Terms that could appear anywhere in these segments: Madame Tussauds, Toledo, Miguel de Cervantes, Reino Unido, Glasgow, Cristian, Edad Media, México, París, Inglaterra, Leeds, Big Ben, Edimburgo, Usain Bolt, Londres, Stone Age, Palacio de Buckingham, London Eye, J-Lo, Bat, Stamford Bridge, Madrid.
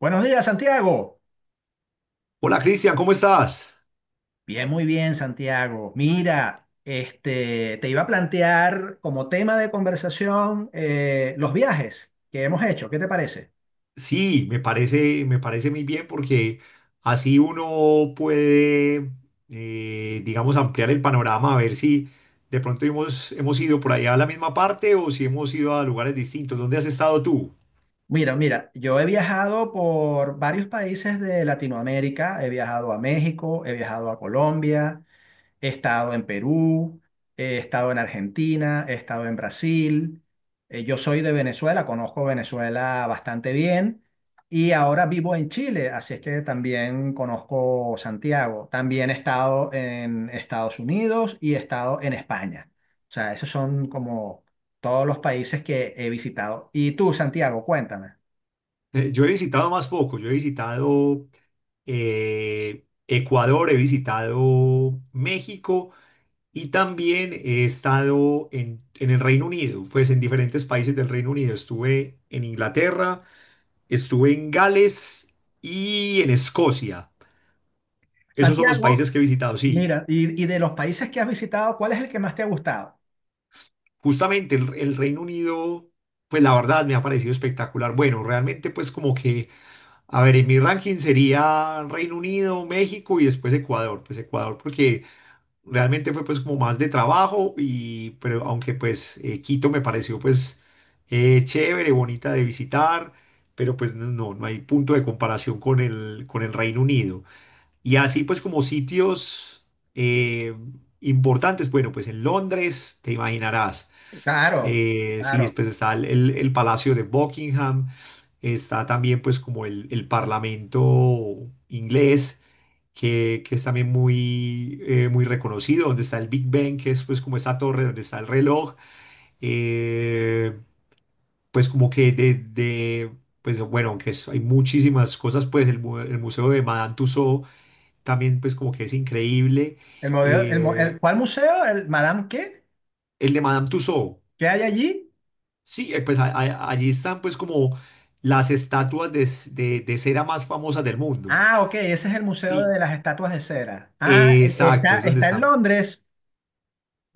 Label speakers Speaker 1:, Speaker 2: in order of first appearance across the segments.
Speaker 1: Buenos días, Santiago.
Speaker 2: Hola Cristian, ¿cómo estás?
Speaker 1: Bien, muy bien, Santiago. Mira, te iba a plantear como tema de conversación los viajes que hemos hecho. ¿Qué te parece?
Speaker 2: Sí, me parece muy bien porque así uno puede, digamos, ampliar el panorama, a ver si de pronto hemos ido por allá a la misma parte o si hemos ido a lugares distintos. ¿Dónde has estado tú?
Speaker 1: Mira, yo he viajado por varios países de Latinoamérica. He viajado a México, he viajado a Colombia, he estado en Perú, he estado en Argentina, he estado en Brasil. Yo soy de Venezuela, conozco Venezuela bastante bien y ahora vivo en Chile, así es que también conozco Santiago. También he estado en Estados Unidos y he estado en España. O sea, esos son como todos los países que he visitado. Y tú, Santiago, cuéntame.
Speaker 2: Yo he visitado más poco, yo he visitado Ecuador, he visitado México y también he estado en el Reino Unido, pues en diferentes países del Reino Unido. Estuve en Inglaterra. Estuve en Gales y en Escocia. Esos son los países
Speaker 1: Santiago,
Speaker 2: que he visitado. Sí,
Speaker 1: mira, y de los países que has visitado, ¿cuál es el que más te ha gustado?
Speaker 2: justamente el Reino Unido, pues la verdad me ha parecido espectacular. Bueno, realmente pues como que, a ver, en mi ranking sería Reino Unido, México y después Ecuador. Pues Ecuador porque realmente fue pues como más de trabajo y, pero aunque pues Quito me pareció pues chévere, bonita de visitar, pero pues no, no hay punto de comparación con con el Reino Unido. Y así pues como sitios eh, importantes, bueno, pues en Londres, te imaginarás,
Speaker 1: Claro,
Speaker 2: sí,
Speaker 1: claro.
Speaker 2: pues está el Palacio de Buckingham, está también pues como el Parlamento inglés, que es también muy, muy reconocido, donde está el Big Ben, que es pues como esta torre donde está el reloj, eh, pues como que pues bueno, hay muchísimas cosas, pues el Museo de Madame Tussauds, también pues como que es increíble.
Speaker 1: El modelo,
Speaker 2: Eh,
Speaker 1: ¿cuál museo? ¿El Madame qué?
Speaker 2: el de Madame Tussauds,
Speaker 1: ¿Qué hay allí?
Speaker 2: sí, pues allí están pues como las estatuas de cera más famosas del mundo.
Speaker 1: Ah, ok, ese es el Museo
Speaker 2: Sí,
Speaker 1: de las Estatuas de Cera. Ah,
Speaker 2: exacto,
Speaker 1: está,
Speaker 2: es donde
Speaker 1: está en
Speaker 2: están.
Speaker 1: Londres.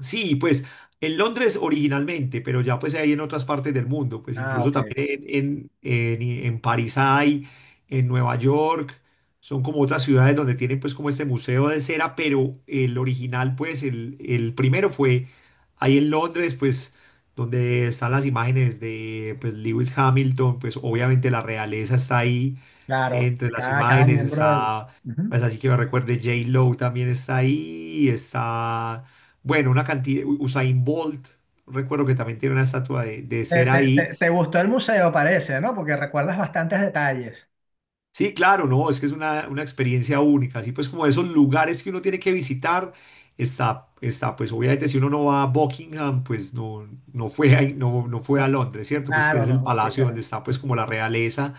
Speaker 2: Sí, pues en Londres originalmente, pero ya pues hay en otras partes del mundo, pues
Speaker 1: Ah,
Speaker 2: incluso
Speaker 1: ok,
Speaker 2: también en París hay, en Nueva York, son como otras ciudades donde tienen pues como este museo de cera, pero el original pues el primero fue ahí en Londres pues donde están las imágenes de pues Lewis Hamilton, pues obviamente la realeza está ahí
Speaker 1: claro,
Speaker 2: entre las
Speaker 1: cada, cada
Speaker 2: imágenes,
Speaker 1: miembro del...
Speaker 2: está
Speaker 1: Ujú.
Speaker 2: pues así que me recuerde J-Lo también está ahí, está... Bueno, una cantidad, Usain Bolt, recuerdo que también tiene una estatua de ser ahí.
Speaker 1: Te gustó el museo, parece, ¿no? Porque recuerdas bastantes detalles.
Speaker 2: Sí, claro, no, es que es una experiencia única, así pues como esos lugares que uno tiene que visitar, está, pues obviamente si uno no va a Buckingham, pues no, no fue ahí, no, no fue a
Speaker 1: No,
Speaker 2: Londres, ¿cierto? Pues que
Speaker 1: claro,
Speaker 2: es
Speaker 1: no,
Speaker 2: el
Speaker 1: no, fuiste,
Speaker 2: palacio donde
Speaker 1: no.
Speaker 2: está pues como la realeza.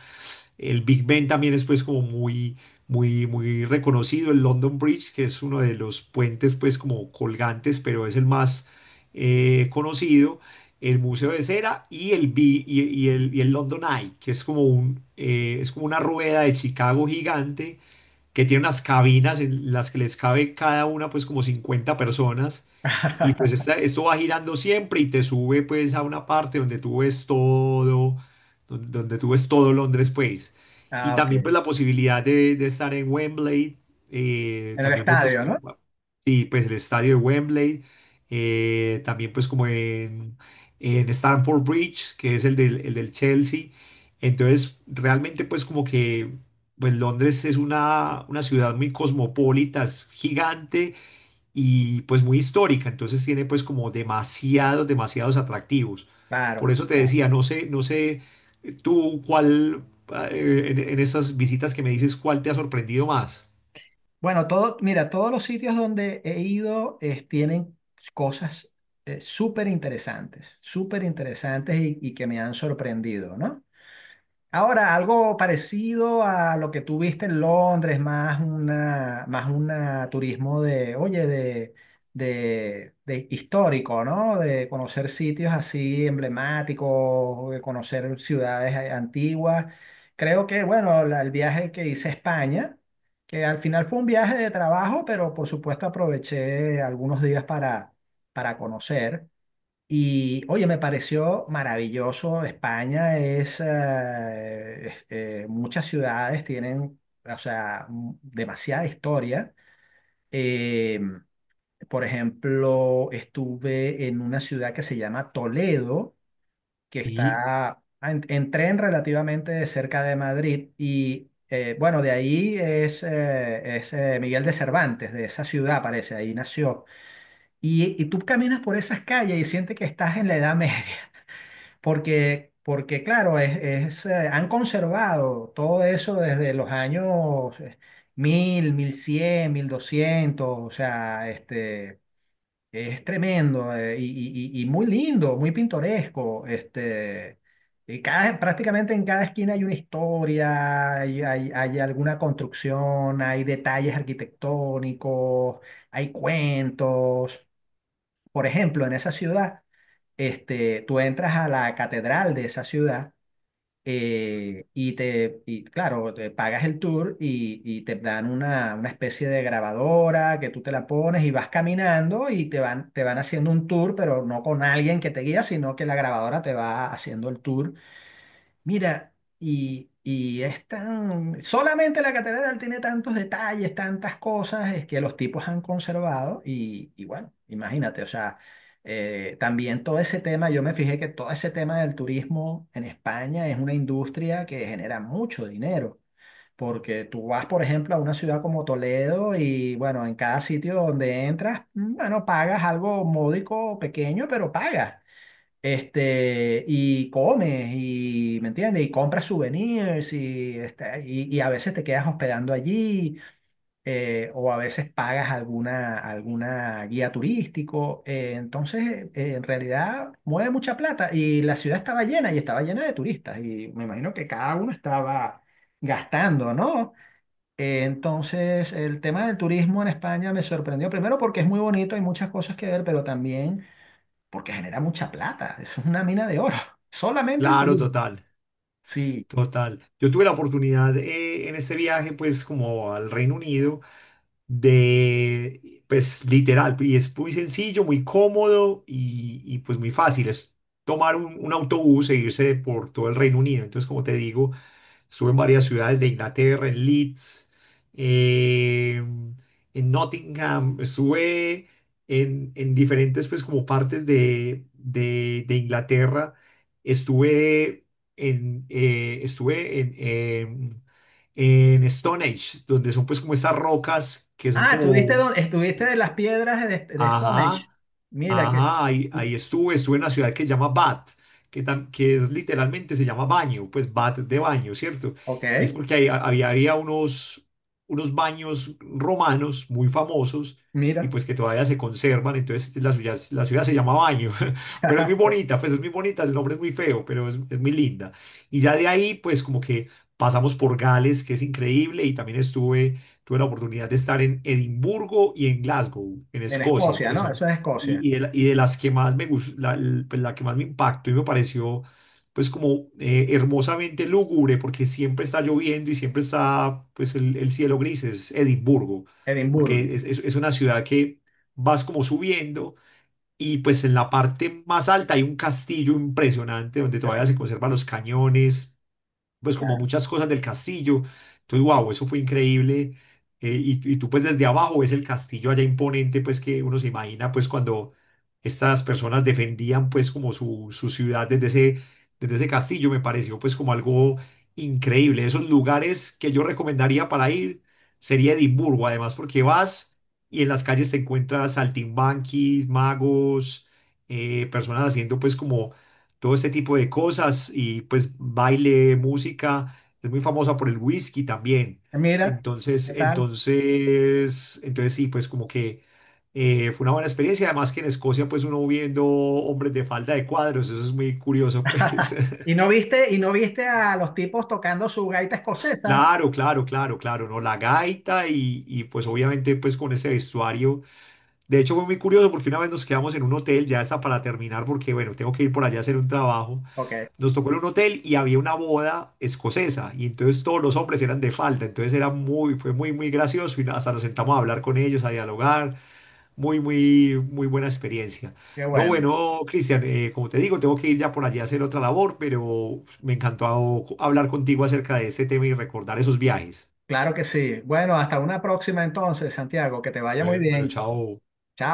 Speaker 2: El Big Ben también es pues como muy, muy, muy reconocido. El London Bridge, que es uno de los puentes pues como colgantes, pero es el más conocido. El Museo de Cera y el, Bi- y el London Eye, que es como, un, es como una rueda de Chicago gigante que tiene unas cabinas en las que les cabe cada una pues como 50 personas y pues esto va girando siempre y te sube pues a una parte donde tú ves todo, donde tú ves todo Londres pues. Y
Speaker 1: Ah, ok,
Speaker 2: también pues
Speaker 1: en
Speaker 2: la posibilidad de estar en Wembley,
Speaker 1: el
Speaker 2: también fue pues
Speaker 1: estadio,
Speaker 2: como,
Speaker 1: ¿no?
Speaker 2: sí, pues el estadio de Wembley, también pues como en Stamford Bridge, que es el del Chelsea. Entonces realmente pues como que pues Londres es una ciudad muy cosmopolita, es gigante y pues muy histórica, entonces tiene pues como demasiados, demasiados atractivos. Por
Speaker 1: Claro,
Speaker 2: eso te
Speaker 1: claro.
Speaker 2: decía, no sé, no sé tú cuál ah, en esas visitas que me dices, cuál te ha sorprendido más.
Speaker 1: Bueno, todo, mira, todos los sitios donde he ido tienen cosas súper interesantes y que me han sorprendido, ¿no? Ahora, algo parecido a lo que tú viste en Londres, más una turismo de, oye, de histórico, ¿no? De conocer sitios así emblemáticos, de conocer ciudades antiguas. Creo que, bueno, el viaje que hice a España, que al final fue un viaje de trabajo, pero por supuesto aproveché algunos días para conocer. Y oye, me pareció maravilloso. España es, muchas ciudades tienen, o sea, demasiada historia. Eh, por ejemplo, estuve en una ciudad que se llama Toledo, que
Speaker 2: Y
Speaker 1: está en tren relativamente cerca de Madrid. Y bueno, de ahí es Miguel de Cervantes, de esa ciudad parece, ahí nació. Y tú caminas por esas calles y sientes que estás en la Edad Media. Porque claro, han conservado todo eso desde los años mil, 1100 1200, o sea, este, es tremendo y muy lindo, muy pintoresco. Este, y cada, prácticamente en cada esquina hay una historia, hay alguna construcción, hay detalles arquitectónicos, hay cuentos. Por ejemplo, en esa ciudad, este, tú entras a la catedral de esa ciudad y te, y claro, te pagas el tour y te dan una especie de grabadora que tú te la pones y vas caminando y te van haciendo un tour, pero no con alguien que te guía, sino que la grabadora te va haciendo el tour. Mira, y es tan... Solamente la catedral tiene tantos detalles, tantas cosas es que los tipos han conservado y bueno, imagínate, o sea, también todo ese tema, yo me fijé que todo ese tema del turismo en España es una industria que genera mucho dinero, porque tú vas, por ejemplo, a una ciudad como Toledo y bueno, en cada sitio donde entras, bueno, pagas algo módico, pequeño, pero pagas. Este, y comes, y, ¿me entiendes? Y compras souvenirs, y, este, y a veces te quedas hospedando allí, o a veces pagas alguna, alguna guía turístico. En realidad, mueve mucha plata. Y la ciudad estaba llena, y estaba llena de turistas, y me imagino que cada uno estaba gastando, ¿no? Entonces, el tema del turismo en España me sorprendió, primero porque es muy bonito, hay muchas cosas que ver, pero también porque genera mucha plata. Eso es una mina de oro. Solamente el
Speaker 2: claro,
Speaker 1: turismo.
Speaker 2: total,
Speaker 1: Sí.
Speaker 2: total. Yo tuve la oportunidad en este viaje pues como al Reino Unido de, pues literal, y es muy sencillo, muy cómodo y, pues muy fácil. Es tomar un autobús e irse por todo el Reino Unido. Entonces, como te digo, estuve en varias ciudades de Inglaterra, en Leeds, eh, en Nottingham, estuve en diferentes, pues, como partes de Inglaterra. Estuve estuve en Stone Age, donde son, pues, como estas rocas que son
Speaker 1: Ah, estuviste,
Speaker 2: como,
Speaker 1: estuviste de las piedras de Stone
Speaker 2: ajá,
Speaker 1: Age? Mira que.
Speaker 2: ajá, ahí,
Speaker 1: y-
Speaker 2: ahí estuve, estuve en una ciudad que se llama Bat, que, que es, literalmente se llama baño, pues Bat de baño, ¿cierto? Y es
Speaker 1: ok,
Speaker 2: porque había, había unos, unos baños romanos muy famosos y
Speaker 1: mira.
Speaker 2: pues que todavía se conservan, entonces la ciudad se llama Baño, pero es muy bonita, pues es muy bonita, el nombre es muy feo, pero es muy linda. Y ya de ahí, pues como que pasamos por Gales, que es increíble, y también estuve, tuve la oportunidad de estar en Edimburgo y en Glasgow, en
Speaker 1: En
Speaker 2: Escocia,
Speaker 1: Escocia,
Speaker 2: que
Speaker 1: ¿no? Eso
Speaker 2: son.
Speaker 1: es Escocia.
Speaker 2: Y, y de, de las que más me gus- la, l- pues, la que más me impactó y me pareció pues como hermosamente lúgubre porque siempre está lloviendo y siempre está pues el cielo gris es Edimburgo,
Speaker 1: Edimburgo.
Speaker 2: porque es, es una ciudad que vas como subiendo y pues en la parte más alta hay un castillo impresionante donde todavía se conservan los cañones pues como
Speaker 1: Claro.
Speaker 2: muchas cosas del castillo. Entonces, wow, eso fue increíble. Y tú pues desde abajo ves el castillo allá imponente, pues que uno se imagina pues cuando estas personas defendían pues como su ciudad desde ese castillo, me pareció pues como algo increíble. Esos lugares que yo recomendaría para ir sería Edimburgo, además porque vas y en las calles te encuentras saltimbanquis, magos, personas haciendo pues como todo este tipo de cosas y pues baile, música, es muy famosa por el whisky también.
Speaker 1: Mira, ¿qué tal?
Speaker 2: Entonces sí, pues como que fue una buena experiencia, además que en Escocia pues uno viendo hombres de falda de cuadros, eso es muy curioso pues.
Speaker 1: Y no viste a los tipos tocando su gaita escocesa?
Speaker 2: Claro, claro, claro, claro, ¿no? La gaita y pues obviamente pues con ese vestuario. De hecho fue muy curioso porque una vez nos quedamos en un hotel, ya está para terminar porque bueno, tengo que ir por allá a hacer un trabajo.
Speaker 1: Ok,
Speaker 2: Nos tocó en un hotel y había una boda escocesa y entonces todos los hombres eran de falda, entonces era muy, fue muy, muy gracioso y hasta nos sentamos a hablar con ellos, a dialogar, muy, muy, muy buena experiencia.
Speaker 1: qué
Speaker 2: No,
Speaker 1: bueno.
Speaker 2: bueno, Cristian, como te digo, tengo que ir ya por allí a hacer otra labor, pero me encantó hablar contigo acerca de este tema y recordar esos viajes.
Speaker 1: Claro que sí. Bueno, hasta una próxima entonces, Santiago. Que te vaya muy
Speaker 2: Bueno, bueno,
Speaker 1: bien.
Speaker 2: chao.
Speaker 1: Chao.